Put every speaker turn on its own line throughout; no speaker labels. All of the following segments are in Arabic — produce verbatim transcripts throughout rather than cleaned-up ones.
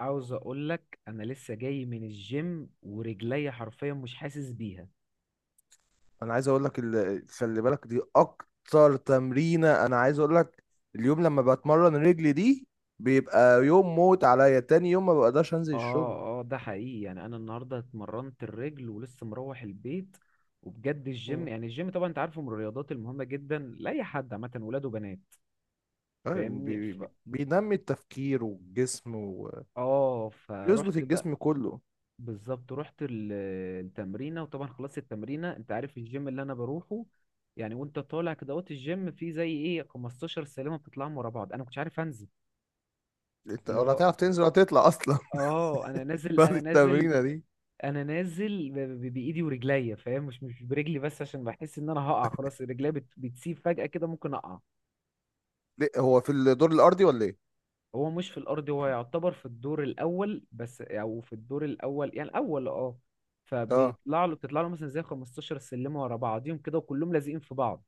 عاوز اقول لك انا لسه جاي من الجيم ورجلي حرفيا مش حاسس بيها.
انا عايز اقول لك ال- خلي بالك دي اكتر تمرينه. انا عايز اقول لك اليوم لما بتمرن رجلي دي بيبقى يوم موت عليا. تاني يوم ما بقدرش انزل الشغل.
اه اه، ده حقيقي، يعني انا النهارده اتمرنت الرجل ولسه مروح البيت. وبجد الجيم،
مم.
يعني الجيم طبعا انت عارفه من الرياضات المهمه جدا لاي حد، عامه ولاد وبنات،
آه،
فاهمني.
بي-
ف...
بي- بينمي التفكير والجسم،
اه
ويظبط
فروحت بقى.
الجسم كله.
بالظبط، رحت ال- التمرينه، وطبعا خلصت التمرينه. انت عارف الجيم اللي انا بروحه، يعني وانت طالع كده وقت الجيم فيه زي ايه خمستاشر سلمه بتطلعهم ورا بعض، انا ما كنتش عارف انزل.
انت
اللي
ولا
هو
هتعرف تنزل ولا تطلع اصلا.
اه، انا نازل،
بعد
انا نازل
التمرينه دي.
انا نازل ب- ب- بايدي ورجليا، فاهم؟ مش مش برجلي بس، عشان بحس ان انا هقع خلاص. رجليا بت... بتسيب فجأة كده، ممكن اقع.
ليه؟ هو في الدور الارضي ولا ايه؟
هو مش في الارض، هو يعتبر في الدور الاول بس، او في الدور الاول، يعني الاول اه.
اه،
فبيطلع له، بتطلع له مثلا زي خمستاشر سلمة ورا بعضيهم كده وكلهم لازقين في بعض.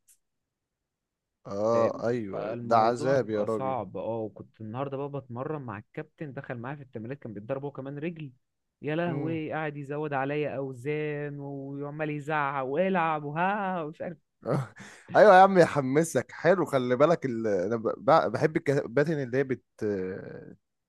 فاهم؟
اه، ايوه، ده
فالموضوع
عذاب يا
بيبقى
راجل.
صعب اه. وكنت النهارده بقى بتمرن مع الكابتن، دخل معايا في التمرين، كان بيتضرب هو كمان رجل. يا
مم.
لهوي، قاعد يزود عليا اوزان وعمال يزعق والعب وها ومش عارف.
آه. ايوه يا عم، يحمسك، حلو. خلي بالك ال... انا ب... ب- بحب الكباتن اللي هي بت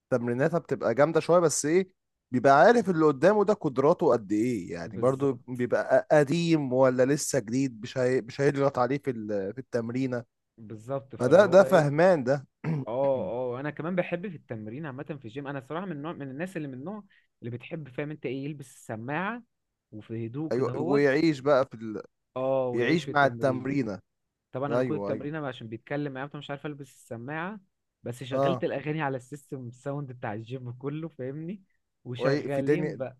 تمريناتها بتبقى جامده شويه، بس ايه؟ بيبقى عارف اللي قدامه ده قدراته قد ايه. يعني برضو
بالظبط.
بيبقى قديم ولا لسه جديد، مش هي... مش هيضغط عليه في ال... في التمرينه.
بالظبط، فاللي
فده
هو
ده
ايه.
فهمان ده.
اه اه، انا كمان بحب في التمرين عامه في الجيم. انا صراحه من نوع من الناس، اللي من النوع اللي بتحب، فاهم انت ايه، يلبس السماعه وفي هدوء
ايوه،
كده هوت.
ويعيش بقى في ال...
اه، ويعيش
يعيش
في
مع
التمرين.
التمرينه.
طبعا انا كل
ايوه ايوه.
التمرين أنا عشان بيتكلم معايا فمش عارف البس السماعه، بس شغلت
اه،
الاغاني على السيستم الساوند بتاع الجيم كله، فاهمني،
وي... في
وشغالين
دنيا،
بقى.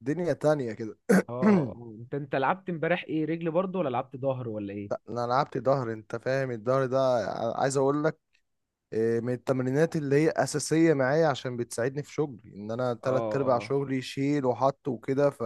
دنيا تانية كده.
اه. آه. انت انت لعبت امبارح ايه، رجل برضو ولا لعبت ظهر ولا ايه؟
لا، انا لعبت ظهر. انت فاهم الظهر ده؟ ع- عايز اقول لك، إيه، من التمرينات اللي هي اساسيه معايا، عشان بتساعدني في شغلي، ان انا
اه
تلات ارباع
اه،
شغلي شيل وحط وكده. ف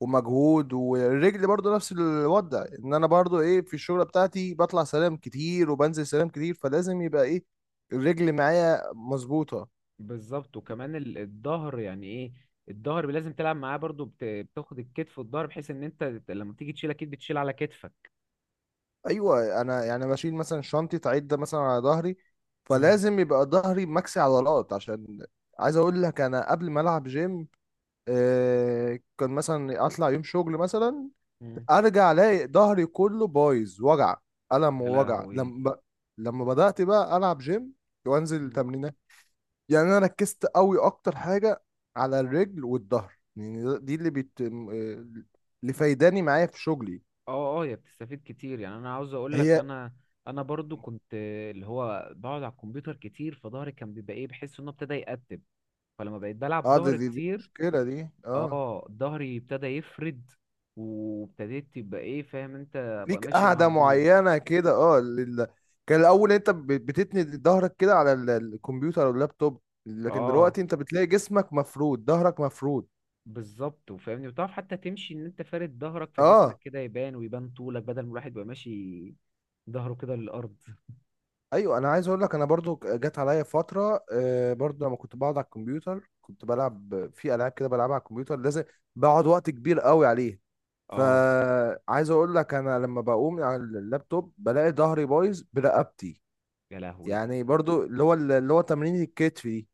ومجهود. والرجل برضو نفس الوضع، ان انا برضو ايه في الشغله بتاعتي بطلع سلام كتير وبنزل سلام كتير، فلازم يبقى ايه الرجل معايا مظبوطه.
بالظبط. وكمان ال- الظهر، يعني ايه، الظهر لازم تلعب معاه برضو. بت... بتاخد الكتف والظهر بحيث ان انت لما تيجي تشيل اكيد بتشيل على كتفك.
ايوه، انا يعني بشيل مثلا شنطه عده مثلا على ظهري،
امم.
فلازم يبقى ظهري مكسي عضلات، عشان عايز اقول لك انا قبل ما العب جيم، آه، كان مثلا اطلع يوم شغل مثلا،
امم.
ارجع الاقي ظهري كله بايظ، وجع، الم
يا
ووجع.
لهوي.
لما لما بدات بقى العب جيم وانزل تمرينات، يعني انا ركزت قوي اكتر حاجه على الرجل والظهر، يعني ده- دي اللي بت آه، اللي فايداني معايا في شغلي.
اه اه، هي بتستفيد كتير. يعني انا عاوز اقول لك،
هي.
انا انا برضو كنت اللي هو بقعد على الكمبيوتر كتير، فظهري كان بيبقى ايه، بحس انه ابتدى يقتب. فلما بقيت بلعب
اه دي,
ظهر
دي, دي
كتير،
مشكله دي، اه.
اه ظهري ابتدى يفرد، وابتديت تبقى ايه، فاهم انت، بقى
ليك
ماشي
قاعدة
معدول.
معينة كده، اه، لل... كان الأول أنت ب- بتتني ظهرك كده على ال- الكمبيوتر أو اللابتوب، لكن
اه
دلوقتي أنت بتلاقي جسمك مفرود، ظهرك مفرود.
بالظبط. وفاهمني، وتعرف حتى تمشي ان انت فارد ظهرك، فجسمك
اه،
كده يبان ويبان طولك، بدل ما الواحد يبقى ماشي ظهره كده للارض.
ايوه، انا عايز اقول لك، انا برضو جت عليا فتره، آه برضو لما كنت بقعد على الكمبيوتر كنت بلعب في العاب كده بلعبها على الكمبيوتر، لازم بقعد وقت كبير قوي عليه.
اه.
فعايز اقول لك انا لما بقوم من على اللابتوب بلاقي ظهري بايظ برقبتي،
يا لهوي.
يعني برضو اللي هو اللي هو تمرين الكتف دي.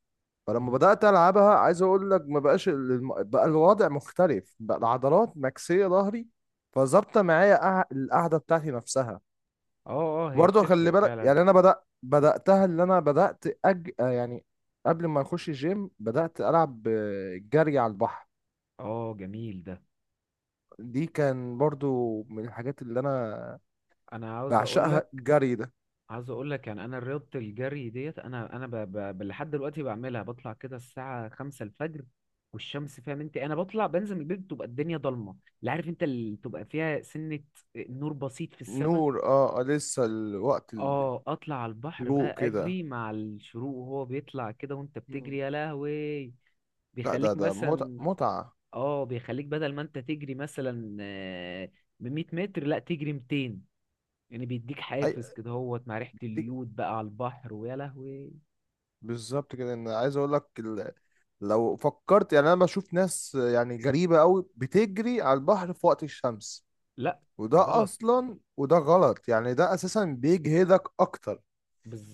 فلما
مم.
بدأت ألعبها، عايز أقول لك ما بقاش، ال- الم- بقى الوضع مختلف، بقى العضلات مكسية ظهري، فظابطة معايا قع- القعدة بتاعتي نفسها.
اه اه، هي
برضه خلي
بتفرق
بالك
فعلا.
يعني، أنا بدأ بدأتها اللي أنا بدأت أج... آه يعني قبل ما أخش الجيم، بدأت ألعب، آه، جري على البحر.
اه جميل ده.
دي كان برضو من الحاجات اللي أنا
انا عاوز اقول
بعشقها،
لك،
الجري ده.
عاوز اقول لك يعني انا رياضه الجري ديت، انا انا ب... ب... ب- لحد دلوقتي بعملها، بطلع كده الساعه خمسة الفجر والشمس، فاهم انت، انا بطلع بنزل من البيت بتبقى الدنيا ضلمه، لا عارف انت اللي تبقى فيها سنه، نور بسيط في السماء.
نور، اه، آه، لسه الوقت
اه. اطلع على البحر
الشروق
بقى،
كده.
اجري مع الشروق وهو بيطلع كده، وانت بتجري
مم.
يا لهوي.
لا، ده
بيخليك
ده متعة
مثلا،
متعة.
اه، بيخليك بدل ما انت تجري مثلا آه، ب مية متر لا تجري ميتين. يعني بيديك
أي.
حافز كده هوت، مع ريحة اليود بقى على البحر، ويا لهوي.
بالظبط كده. ان عايز اقول لك ال... لو فكرت، يعني انا بشوف ناس يعني غريبه قوي بتجري على البحر في وقت الشمس،
لا
وده
غلط.
اصلا وده غلط، يعني ده اساسا بيجهدك اكتر.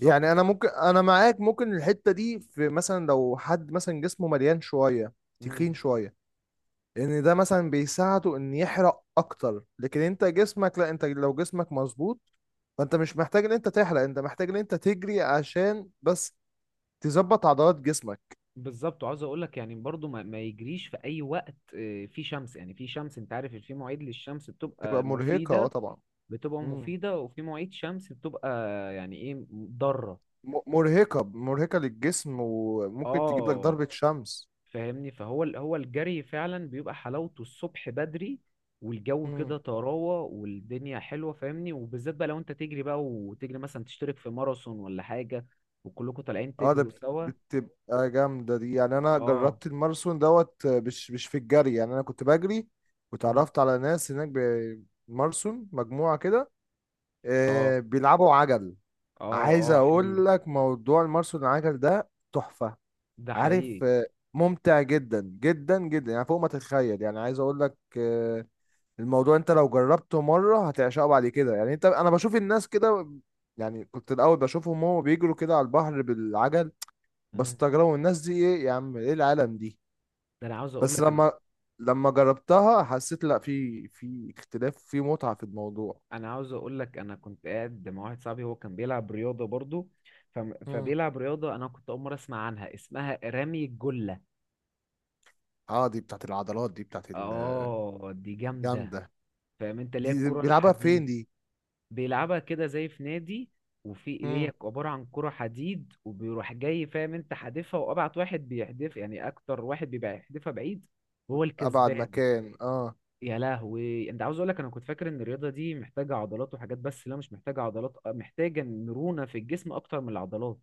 يعني انا ممكن، انا معاك، ممكن الحته دي، في مثلا لو حد مثلا جسمه مليان شويه،
مم.
تخين شويه، ان ده مثلا بيساعده ان يحرق اكتر، لكن انت جسمك لا، انت لو جسمك مظبوط فانت مش محتاج ان انت تحرق، انت محتاج ان انت تجري عشان بس تظبط عضلات جسمك.
بالظبط. وعاوز اقول لك، يعني برضو ما, ما يجريش في اي وقت. آه، في شمس، يعني في شمس انت عارف، في مواعيد للشمس بتبقى
تبقى مرهقة، اه،
مفيدة،
طبعا.
بتبقى
مم.
مفيدة، وفي مواعيد شمس بتبقى يعني ايه، ضارة.
م- مرهقة مرهقة للجسم، وممكن تجيب لك
اه.
ضربة شمس.
فاهمني. فهو ال- هو الجري فعلا بيبقى حلاوته الصبح بدري، والجو
مم.
كده طراوة والدنيا حلوة، فاهمني. وبالذات بقى لو انت تجري بقى وتجري مثلا تشترك في ماراثون ولا حاجة، وكلكم طالعين
اه، ده
تجروا
بت-
سوا.
بتبقى جامدة دي. يعني انا
اه.
جربت الماراثون دوت، آه، مش مش في الجري، يعني انا كنت بجري
مم.
وتعرفت على ناس هناك بمارسون مجموعة كده،
اه
آه، بيلعبوا عجل.
اه
عايز
اه، حلو.
اقول لك موضوع الماراثون العجل ده تحفة.
ده
عارف،
حقيقي.
آه، ممتع جدا جدا جدا، يعني فوق ما تتخيل. يعني عايز اقول لك، آه، الموضوع انت لو جربته مرة هتعشقه بعد كده. يعني انت انا بشوف الناس كده، يعني كنت الاول بشوفهم هو بيجروا كده على البحر بالعجل،
مم.
بستغربوا الناس دي ايه يا عم، ايه العالم دي؟
ده انا عاوز اقول
بس
لك، انا
لما لما جربتها حسيت لا، في في اختلاف، في متعة في الموضوع.
انا عاوز اقول لك انا كنت قاعد مع واحد صاحبي، هو كان بيلعب رياضة برضو. ف...
امم.
فبيلعب رياضة، انا كنت اول مرة اسمع عنها، اسمها رمي الجلة.
اه، دي بتاعت العضلات دي، بتاعت
اه دي جامدة،
الجامدة.
فاهم انت، اللي هي
دي دي
الكرة
بيلعبها
الحديد.
فين دي؟
بيلعبها كده زي في نادي، وفي هي
امم.
عبارة عن كرة حديد، وبيروح جاي، فاهم انت، حادفها وابعت واحد بيحدف، يعني اكتر واحد بيبقى يحدفها بعيد هو
ابعد
الكسبان.
مكان، اه.
يا لهوي. انت عاوز اقول لك، انا كنت فاكر ان الرياضة دي محتاجة عضلات وحاجات، بس لا مش محتاجة عضلات اه، محتاجة مرونة في الجسم اكتر من العضلات.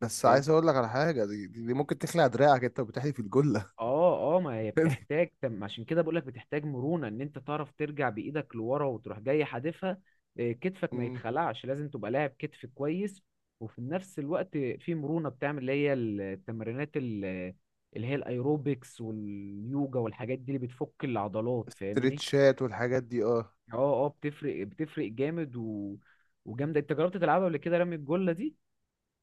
بس عايز اقول لك على حاجة، دي, دي, دي ممكن تخلع دراعك انت وبتحدي في الجلة.
اه اه، ما هي بتحتاج تم، عشان كده بقولك بتحتاج مرونة ان انت تعرف ترجع بايدك لورا وتروح جاي حادفها. آه، كتفك ما
امم.
يتخلعش، لازم تبقى لاعب كتف كويس. وفي نفس الوقت في مرونة بتعمل اللي هي التمرينات ال- اللي هي الايروبكس واليوجا والحاجات دي اللي بتفك العضلات، فاهمني.
استرتشات والحاجات دي، اه.
اه. اه بتفرق، بتفرق جامد و... وجامدة. انت جربت تلعبها قبل كده رمي الجلة دي؟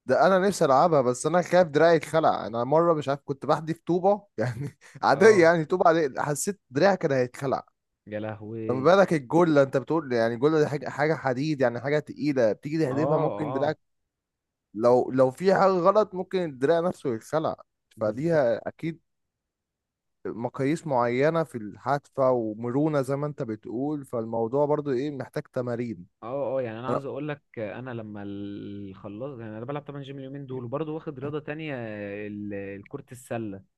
ده انا نفسي العبها، بس انا خايف دراعي اتخلع. انا مره مش عارف كنت بحدف طوبه يعني عاديه،
اه.
يعني طوبه عاديه حسيت دراعي كان هيتخلع،
يا
فما
لهوي.
بالك الجله. انت بتقول يعني الجله دي حاجه حاجه حديد، يعني حاجه تقيله، بتيجي تحدفها
اه
ممكن
اه،
دراعك، لو لو في حاجه غلط ممكن الدراع نفسه يتخلع.
بالظبط.
فليها اكيد مقاييس معينه في الحادفه ومرونه زي ما انت بتقول، فالموضوع برضو ايه محتاج تمارين.
اه اه، يعني انا
انا
عاوز اقول لك، انا لما ال- خلصت، يعني انا بلعب طبعا جيم اليومين دول وبرضه واخد رياضه تانية، ال- كرة السله.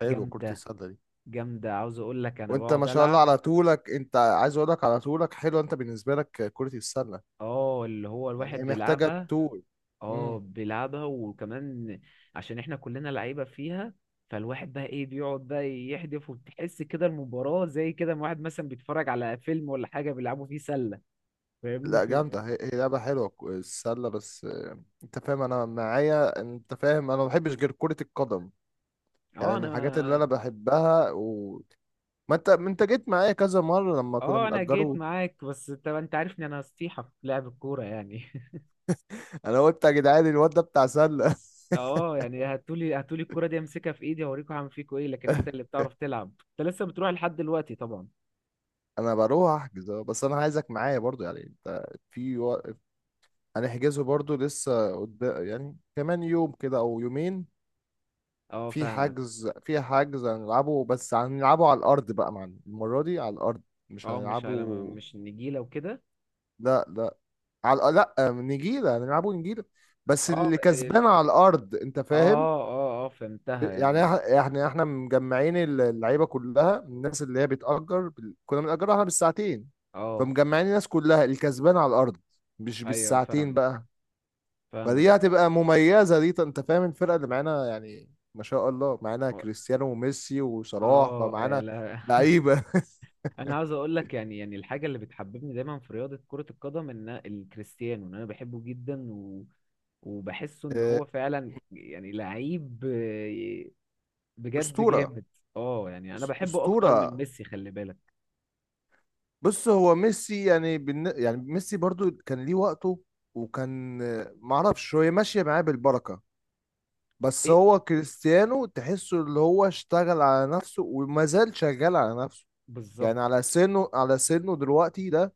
حلو كرة
جامده،
السله دي.
جامده. عاوز اقول لك، انا
وانت ما
بقعد
شاء الله
العب.
على طولك، انت عايز اقول لك على طولك، حلو انت بالنسبه لك كره السله،
اه اللي هو
لان
الواحد
هي محتاجه
بيلعبها.
طول. امم.
اه بيلعبها، وكمان عشان احنا كلنا لعيبه فيها. فالواحد بقى ايه، بيقعد بقى يحدف، وبتحس كده المباراه زي كده، ما واحد مثلا بيتفرج على فيلم ولا حاجه، بيلعبوا فيه سله، فاهمني
لا
في.
جامده، هي, هي لعبه حلوه ك- السله، بس آه، انت فاهم انا معايا، انت فاهم انا ما بحبش غير كره القدم،
اه.
يعني من
انا
الحاجات اللي انا بحبها. و ما انت ما انت جيت معايا كذا مره لما كنا
اه، انا جيت
بنأجره.
معاك، بس انت انت عارفني، انا نصيحة في لعب الكورة يعني
انا قلت يا جدعان الواد ده بتاع سله.
اه يعني، هاتولي هاتولي الكورة دي، امسكها في ايدي اوريكم هعمل فيكوا ايه. لكن انت اللي بتعرف تلعب. انت لسه بتروح لحد دلوقتي طبعا.
انا بروح احجز، اه، بس انا عايزك معايا برضو، يعني انت في و... هنحجزه برضو لسه قدام، يعني كمان يوم كده او يومين.
اه
في
فاهمك.
حجز في حجز هنلعبه، بس هنلعبه على الأرض بقى معنا المرة دي، على الأرض مش
اه، مش على،
هنلعبه.
مش نجيلة وكده.
لا، لا، على الأ- لا نجيلة، هنلعبه نجيلة، بس
اه ب-
اللي
ال-
كسبان على الأرض، أنت فاهم.
اه اه اه، فهمتها
يعني
يعني.
إح- يعني احنا مجمعين اللعيبة كلها، الناس اللي هي بتأجر بال- كنا بنأجرها احنا بالساعتين،
اه
فمجمعين الناس كلها الكسبان على الأرض، مش
ايوه
بالساعتين
فاهمك،
بقى. فدي
فاهمك.
هتبقى مميزة دي، انت فاهم الفرقة اللي معانا، يعني ما شاء الله معانا كريستيانو وميسي وصلاح،
اه يا
فمعانا
لا.
لعيبة.
انا عاوز اقول لك، يعني يعني الحاجه اللي بتحببني دايما في رياضه كره القدم، ان الكريستيانو، ان انا بحبه جدا وبحسه ان
آه،
هو فعلا يعني لعيب، آه، بجد
أسطورة.
جامد. اه يعني انا
أس-
بحبه اكتر من
أسطورة.
ميسي خلي بالك.
بص، هو ميسي يعني بالن... يعني ميسي برضو كان ليه وقته، وكان آه، معرفش هو ماشية معاه بالبركة، بس
ايه
هو كريستيانو تحسه اللي هو اشتغل على نفسه وما زال شغال على نفسه،
بالظبط.
يعني على سنه، على سنه دلوقتي ده،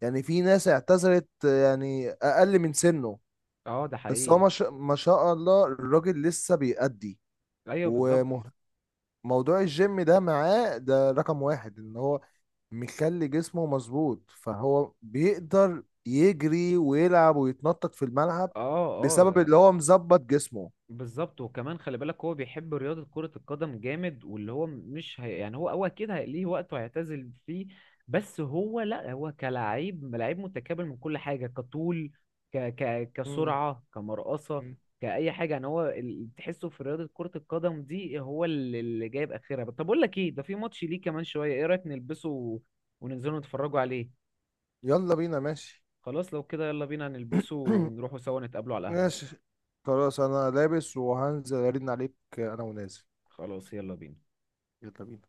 يعني في ناس اعتزلت، آه، يعني أقل من سنه،
اه ده
بس هو
حقيقي.
ما شاء، ما شاء الله، الراجل لسه بيأدي.
ايوه بالظبط.
وموضوع الجيم ده معاه ده رقم واحد، ان هو مخلي جسمه مظبوط، فهو بيقدر يجري ويلعب ويتنطط في الملعب،
اه
بسبب
اه
اللي هو مظبط جسمه.
بالظبط. وكمان خلي بالك، هو بيحب رياضة كرة القدم جامد، واللي هو مش هي يعني، هو هو أكيد هي- ليه وقت هيعتزل فيه. بس هو لا، هو كلاعب لعيب متكامل من كل حاجة، كطول، ك ك
مم.
كسرعة، كمرقصة،
مم.
كأي حاجة. يعني هو ال- تحسه في رياضة كرة القدم دي هو اللي، اللي جايب آخرها. طب أقول لك إيه، ده في ماتش ليه كمان شوية، إيه رأيك نلبسه و- وننزلوا نتفرجوا عليه.
يلا بينا، ماشي.
خلاص لو كده، يلا بينا نلبسه ونروحوا سوا، نتقابلوا على القهوة.
ماشي، خلاص انا لابس، وهنزل ارن عليك، انا ونازل.
خلاص يلا بينا.
يلا بينا.